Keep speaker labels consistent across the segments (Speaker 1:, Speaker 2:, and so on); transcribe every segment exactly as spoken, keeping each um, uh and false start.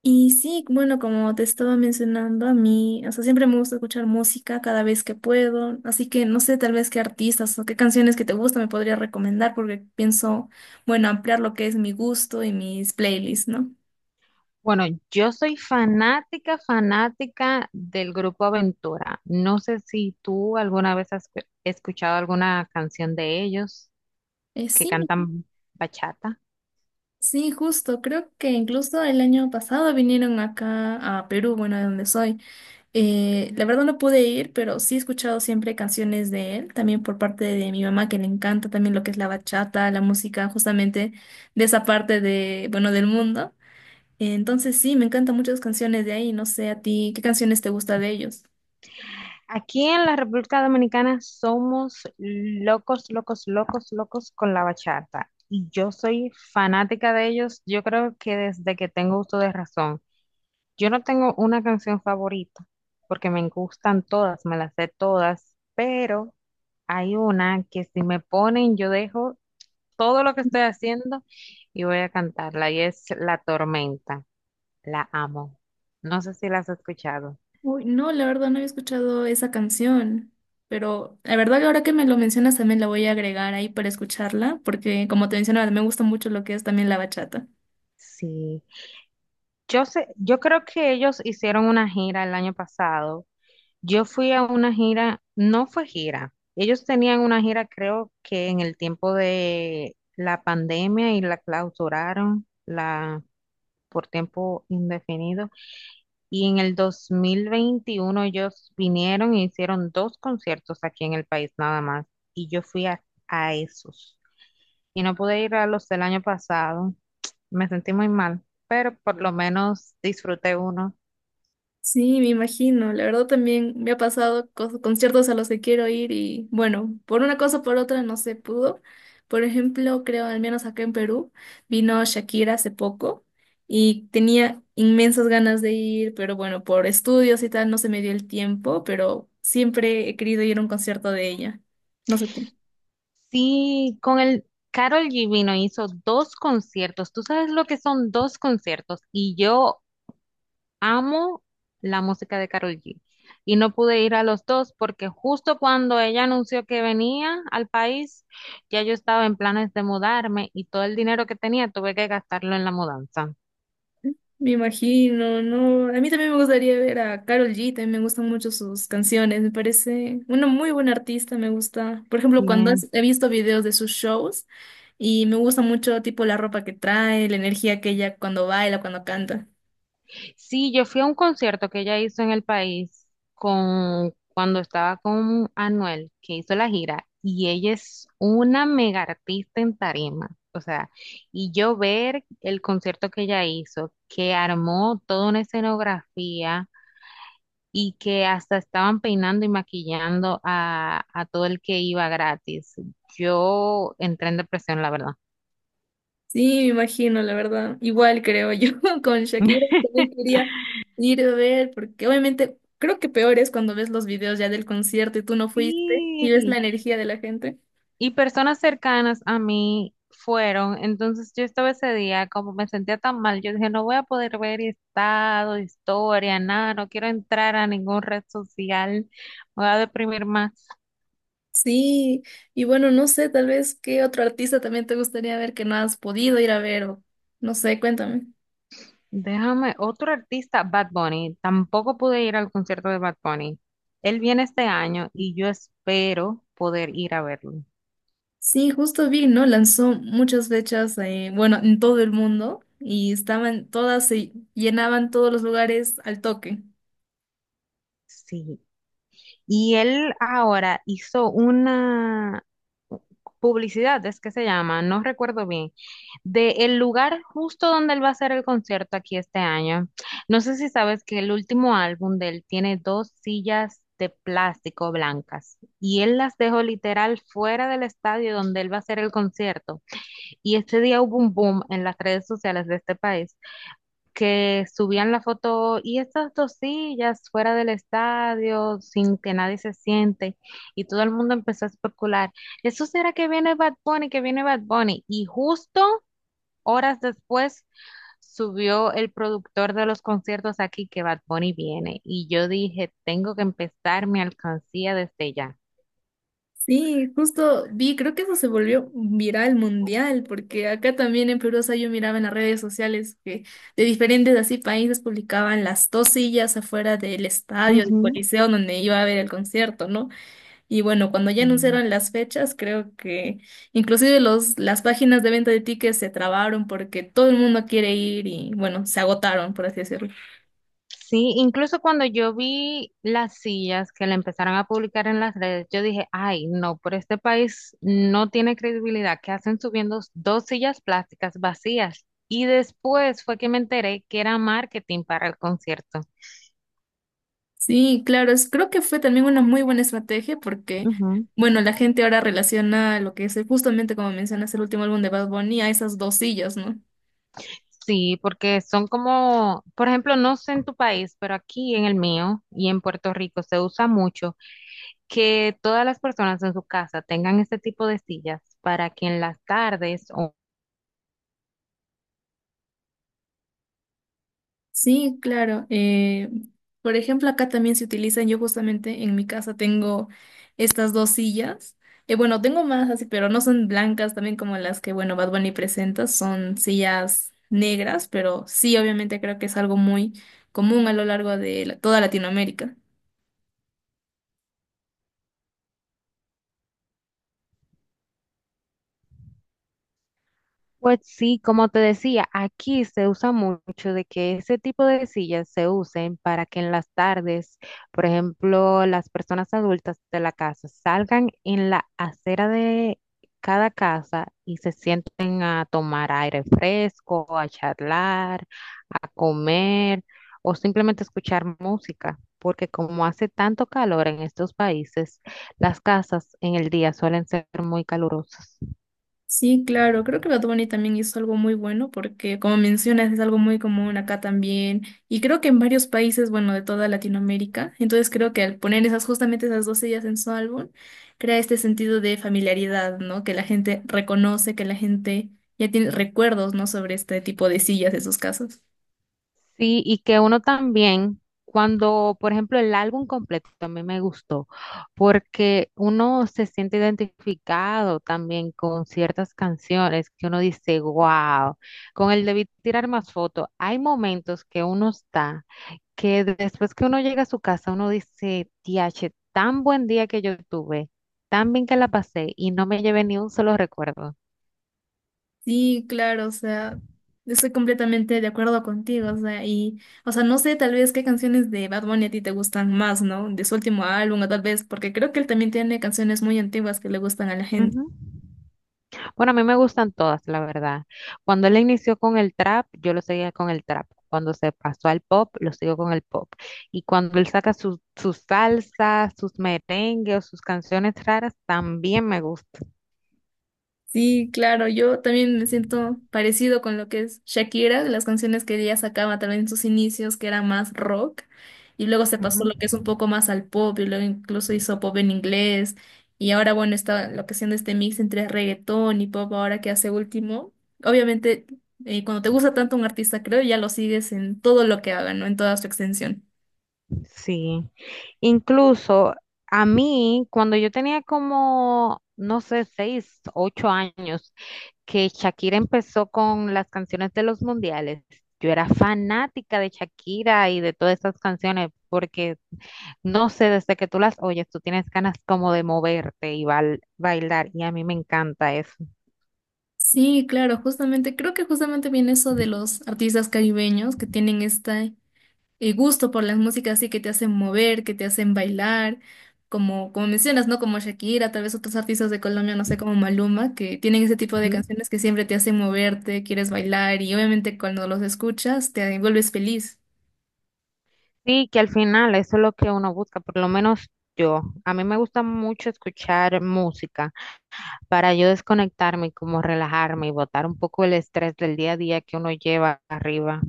Speaker 1: Y sí, bueno, como te estaba mencionando, a mí, o sea, siempre me gusta escuchar música cada vez que puedo, así que no sé tal vez qué artistas o qué canciones que te gustan me podría recomendar porque pienso, bueno, ampliar lo que es mi gusto y mis playlists, ¿no?
Speaker 2: Bueno, yo soy fanática, fanática del grupo Aventura. No sé si tú alguna vez has escu- escuchado alguna canción de ellos
Speaker 1: Eh,
Speaker 2: que
Speaker 1: sí,
Speaker 2: cantan bachata.
Speaker 1: sí, justo, creo que incluso el año pasado vinieron acá a Perú, bueno, de donde soy. Eh, la verdad no pude ir, pero sí he escuchado siempre canciones de él, también por parte de mi mamá, que le encanta también lo que es la bachata, la música justamente de esa parte de, bueno, del mundo. Entonces sí, me encantan muchas canciones de ahí. No sé a ti, ¿qué canciones te gusta de ellos?
Speaker 2: Aquí en la República Dominicana somos locos, locos, locos, locos con la bachata. Y yo soy fanática de ellos, yo creo que desde que tengo uso de razón. Yo no tengo una canción favorita porque me gustan todas, me las sé todas, pero hay una que si me ponen yo dejo todo lo que estoy haciendo y voy a cantarla y es La Tormenta. La amo. No sé si la has escuchado.
Speaker 1: Uy, no, la verdad no había escuchado esa canción, pero la verdad que ahora que me lo mencionas también la voy a agregar ahí para escucharla, porque como te mencionaba, me gusta mucho lo que es también la bachata.
Speaker 2: Sí. Yo sé, yo creo que ellos hicieron una gira el año pasado. Yo fui a una gira, no fue gira. Ellos tenían una gira, creo que en el tiempo de la pandemia y la clausuraron la, por tiempo indefinido. Y en el dos mil veintiuno ellos vinieron y hicieron dos conciertos aquí en el país nada más. Y yo fui a, a esos. Y no pude ir a los del año pasado. Me sentí muy mal, pero por lo menos disfruté uno.
Speaker 1: Sí, me imagino. La verdad también me ha pasado cos- conciertos a los que quiero ir y bueno, por una cosa o por otra no se pudo. Por ejemplo, creo, al menos acá en Perú, vino Shakira hace poco y tenía inmensas ganas de ir, pero bueno, por estudios y tal no se me dio el tiempo, pero siempre he querido ir a un concierto de ella. No sé.
Speaker 2: Sí, con el Karol G vino, hizo dos conciertos. ¿Tú sabes lo que son dos conciertos? Y yo amo la música de Karol G. Y no pude ir a los dos porque justo cuando ella anunció que venía al país, ya yo estaba en planes de mudarme y todo el dinero que tenía tuve que gastarlo en la mudanza.
Speaker 1: Me imagino, no. A mí también me gustaría ver a Karol G, también me gustan mucho sus canciones, me parece una muy buena artista, me gusta. Por ejemplo, cuando has- he visto videos de sus shows y me gusta mucho tipo la ropa que trae, la energía que ella cuando baila, cuando canta.
Speaker 2: Sí, yo fui a un concierto que ella hizo en el país con cuando estaba con Anuel, que hizo la gira, y ella es una mega artista en tarima. O sea, y yo ver el concierto que ella hizo, que armó toda una escenografía y que hasta estaban peinando y maquillando a, a todo el que iba gratis. Yo entré en depresión, la verdad.
Speaker 1: Sí, me imagino, la verdad. Igual creo yo con Shakira también quería ir a ver, porque obviamente creo que peor es cuando ves los videos ya del concierto y tú no fuiste y ves la
Speaker 2: Sí,
Speaker 1: energía de la gente.
Speaker 2: y personas cercanas a mí fueron. Entonces yo estaba ese día, como me sentía tan mal, yo dije, no voy a poder ver estado, historia, nada, no quiero entrar a ningún red social, me voy a deprimir más.
Speaker 1: Sí, y bueno, no sé, tal vez qué otro artista también te gustaría ver que no has podido ir a ver o no sé, cuéntame.
Speaker 2: Déjame, otro artista, Bad Bunny, tampoco pude ir al concierto de Bad Bunny. Él viene este año y yo espero poder ir a verlo.
Speaker 1: Sí, justo vi, ¿no? Lanzó muchas fechas, eh, bueno, en todo el mundo y estaban todas, se llenaban todos los lugares al toque.
Speaker 2: Sí. Y él ahora hizo una publicidad, es que se llama, no recuerdo bien, de el lugar justo donde él va a hacer el concierto aquí este año. No sé si sabes que el último álbum de él tiene dos sillas de plástico blancas y él las dejó literal fuera del estadio donde él va a hacer el concierto. Y este día hubo un boom en las redes sociales de este país que subían la foto y estas dos sillas fuera del estadio sin que nadie se siente y todo el mundo empezó a especular, ¿eso será que viene Bad Bunny, que viene Bad Bunny? Y justo horas después subió el productor de los conciertos aquí que Bad Bunny viene y yo dije, tengo que empezar mi alcancía desde ya.
Speaker 1: Sí, justo vi, creo que eso se volvió viral mundial, porque acá también en Perú, o sea, yo miraba en las redes sociales que de diferentes así países publicaban las dos sillas afuera del estadio, del
Speaker 2: Ujú.
Speaker 1: coliseo donde iba a ver el concierto, ¿no? Y bueno, cuando ya anunciaron las fechas, creo que inclusive los, las páginas de venta de tickets se trabaron porque todo el mundo quiere ir y bueno, se agotaron, por así decirlo.
Speaker 2: Sí, incluso cuando yo vi las sillas que la empezaron a publicar en las redes, yo dije, ay, no, pero este país no tiene credibilidad. ¿Qué hacen subiendo dos sillas plásticas vacías? Y después fue que me enteré que era marketing para el concierto.
Speaker 1: Sí, claro, es- creo que fue también una muy buena estrategia porque,
Speaker 2: Ujú.
Speaker 1: bueno, la gente ahora relaciona lo que es eh, justamente como mencionas el último álbum de Bad Bunny a esas dos sillas, ¿no?
Speaker 2: Sí, porque son como, por ejemplo, no sé en tu país, pero aquí en el mío y en Puerto Rico se usa mucho que todas las personas en su casa tengan este tipo de sillas para que en las tardes o
Speaker 1: Sí, claro. Eh, por ejemplo, acá también se utilizan, yo justamente en mi casa tengo estas dos sillas. Eh, bueno, tengo más así, pero no son blancas también como las que, bueno, Bad Bunny presenta, son sillas negras, pero sí, obviamente creo que es algo muy común a lo largo de la- toda Latinoamérica.
Speaker 2: pues sí, como te decía, aquí se usa mucho de que ese tipo de sillas se usen para que en las tardes, por ejemplo, las personas adultas de la casa salgan en la acera de cada casa y se sienten a tomar aire fresco, a charlar, a comer o simplemente escuchar música, porque como hace tanto calor en estos países, las casas en el día suelen ser muy calurosas.
Speaker 1: Sí, claro, creo que Bad Bunny también hizo algo muy bueno porque, como mencionas, es algo muy común acá también y creo que en varios países, bueno, de toda Latinoamérica. Entonces creo que al poner esas justamente esas dos sillas en su álbum, crea este sentido de familiaridad, ¿no? Que la gente reconoce, que la gente ya tiene recuerdos, ¿no? Sobre este tipo de sillas, esos casos.
Speaker 2: Sí, y que uno también, cuando, por ejemplo, el álbum completo también me gustó, porque uno se siente identificado también con ciertas canciones que uno dice, wow, con el de Vi- tirar más fotos, hay momentos que uno está, que después que uno llega a su casa, uno dice, tiache, tan buen día que yo tuve, tan bien que la pasé y no me llevé ni un solo recuerdo.
Speaker 1: Sí, claro, o sea, yo estoy completamente de acuerdo contigo, o sea, y, o sea, no sé tal vez qué canciones de Bad Bunny a ti te gustan más, ¿no? De su último álbum, o tal vez, porque creo que él también tiene canciones muy antiguas que le gustan a la gente.
Speaker 2: Ujú. Bueno, a mí me gustan todas, la verdad. Cuando él inició con el trap, yo lo seguía con el trap. Cuando se pasó al pop, lo sigo con el pop. Y cuando él saca sus sus salsas, sus merengues o sus canciones raras, también me gusta.
Speaker 1: Sí, claro, yo también me siento parecido con lo que es Shakira, de las canciones que ella sacaba también en sus inicios, que era más rock, y luego se
Speaker 2: Ujú.
Speaker 1: pasó lo que es un poco más al pop, y luego incluso hizo pop en inglés, y ahora bueno, está lo que haciendo este mix entre reggaetón y pop ahora que hace último. Obviamente, eh, cuando te gusta tanto un artista, creo, ya lo sigues en todo lo que haga, ¿no? En toda su extensión.
Speaker 2: Sí, incluso a mí, cuando yo tenía como, no sé, seis, ocho años, que Shakira empezó con las canciones de los mundiales, yo era fanática de Shakira y de todas esas canciones, porque no sé, desde que tú las oyes, tú tienes ganas como de moverte y bail- bailar, y a mí me encanta eso.
Speaker 1: Sí, claro, justamente, creo que justamente viene eso de los artistas caribeños que tienen esta eh, gusto por las músicas así que te hacen mover, que te hacen bailar, como, como mencionas, ¿no? Como Shakira, tal vez otros artistas de Colombia, no sé, como Maluma, que tienen ese tipo de
Speaker 2: Ujú.
Speaker 1: canciones que siempre te hacen moverte, quieres bailar y obviamente cuando los escuchas te vuelves feliz.
Speaker 2: Sí, que al final eso es lo que uno busca, por lo menos yo. A mí me gusta mucho escuchar música para yo desconectarme y como relajarme y botar un poco el estrés del día a día que uno lleva arriba.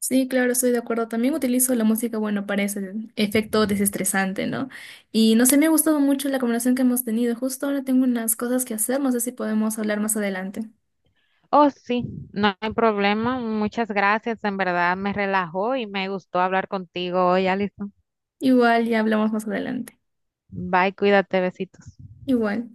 Speaker 1: Sí, claro, estoy de acuerdo. También utilizo la música, bueno, para ese efecto desestresante, ¿no? Y no sé, me ha gustado mucho la conversación que hemos tenido. Justo ahora tengo unas cosas que hacer, no sé si podemos hablar más adelante.
Speaker 2: Oh, sí, no hay problema. Muchas gracias. En verdad me relajó y me gustó hablar contigo hoy, Alison.
Speaker 1: Igual, ya hablamos más adelante.
Speaker 2: Bye, cuídate, besitos.
Speaker 1: Igual.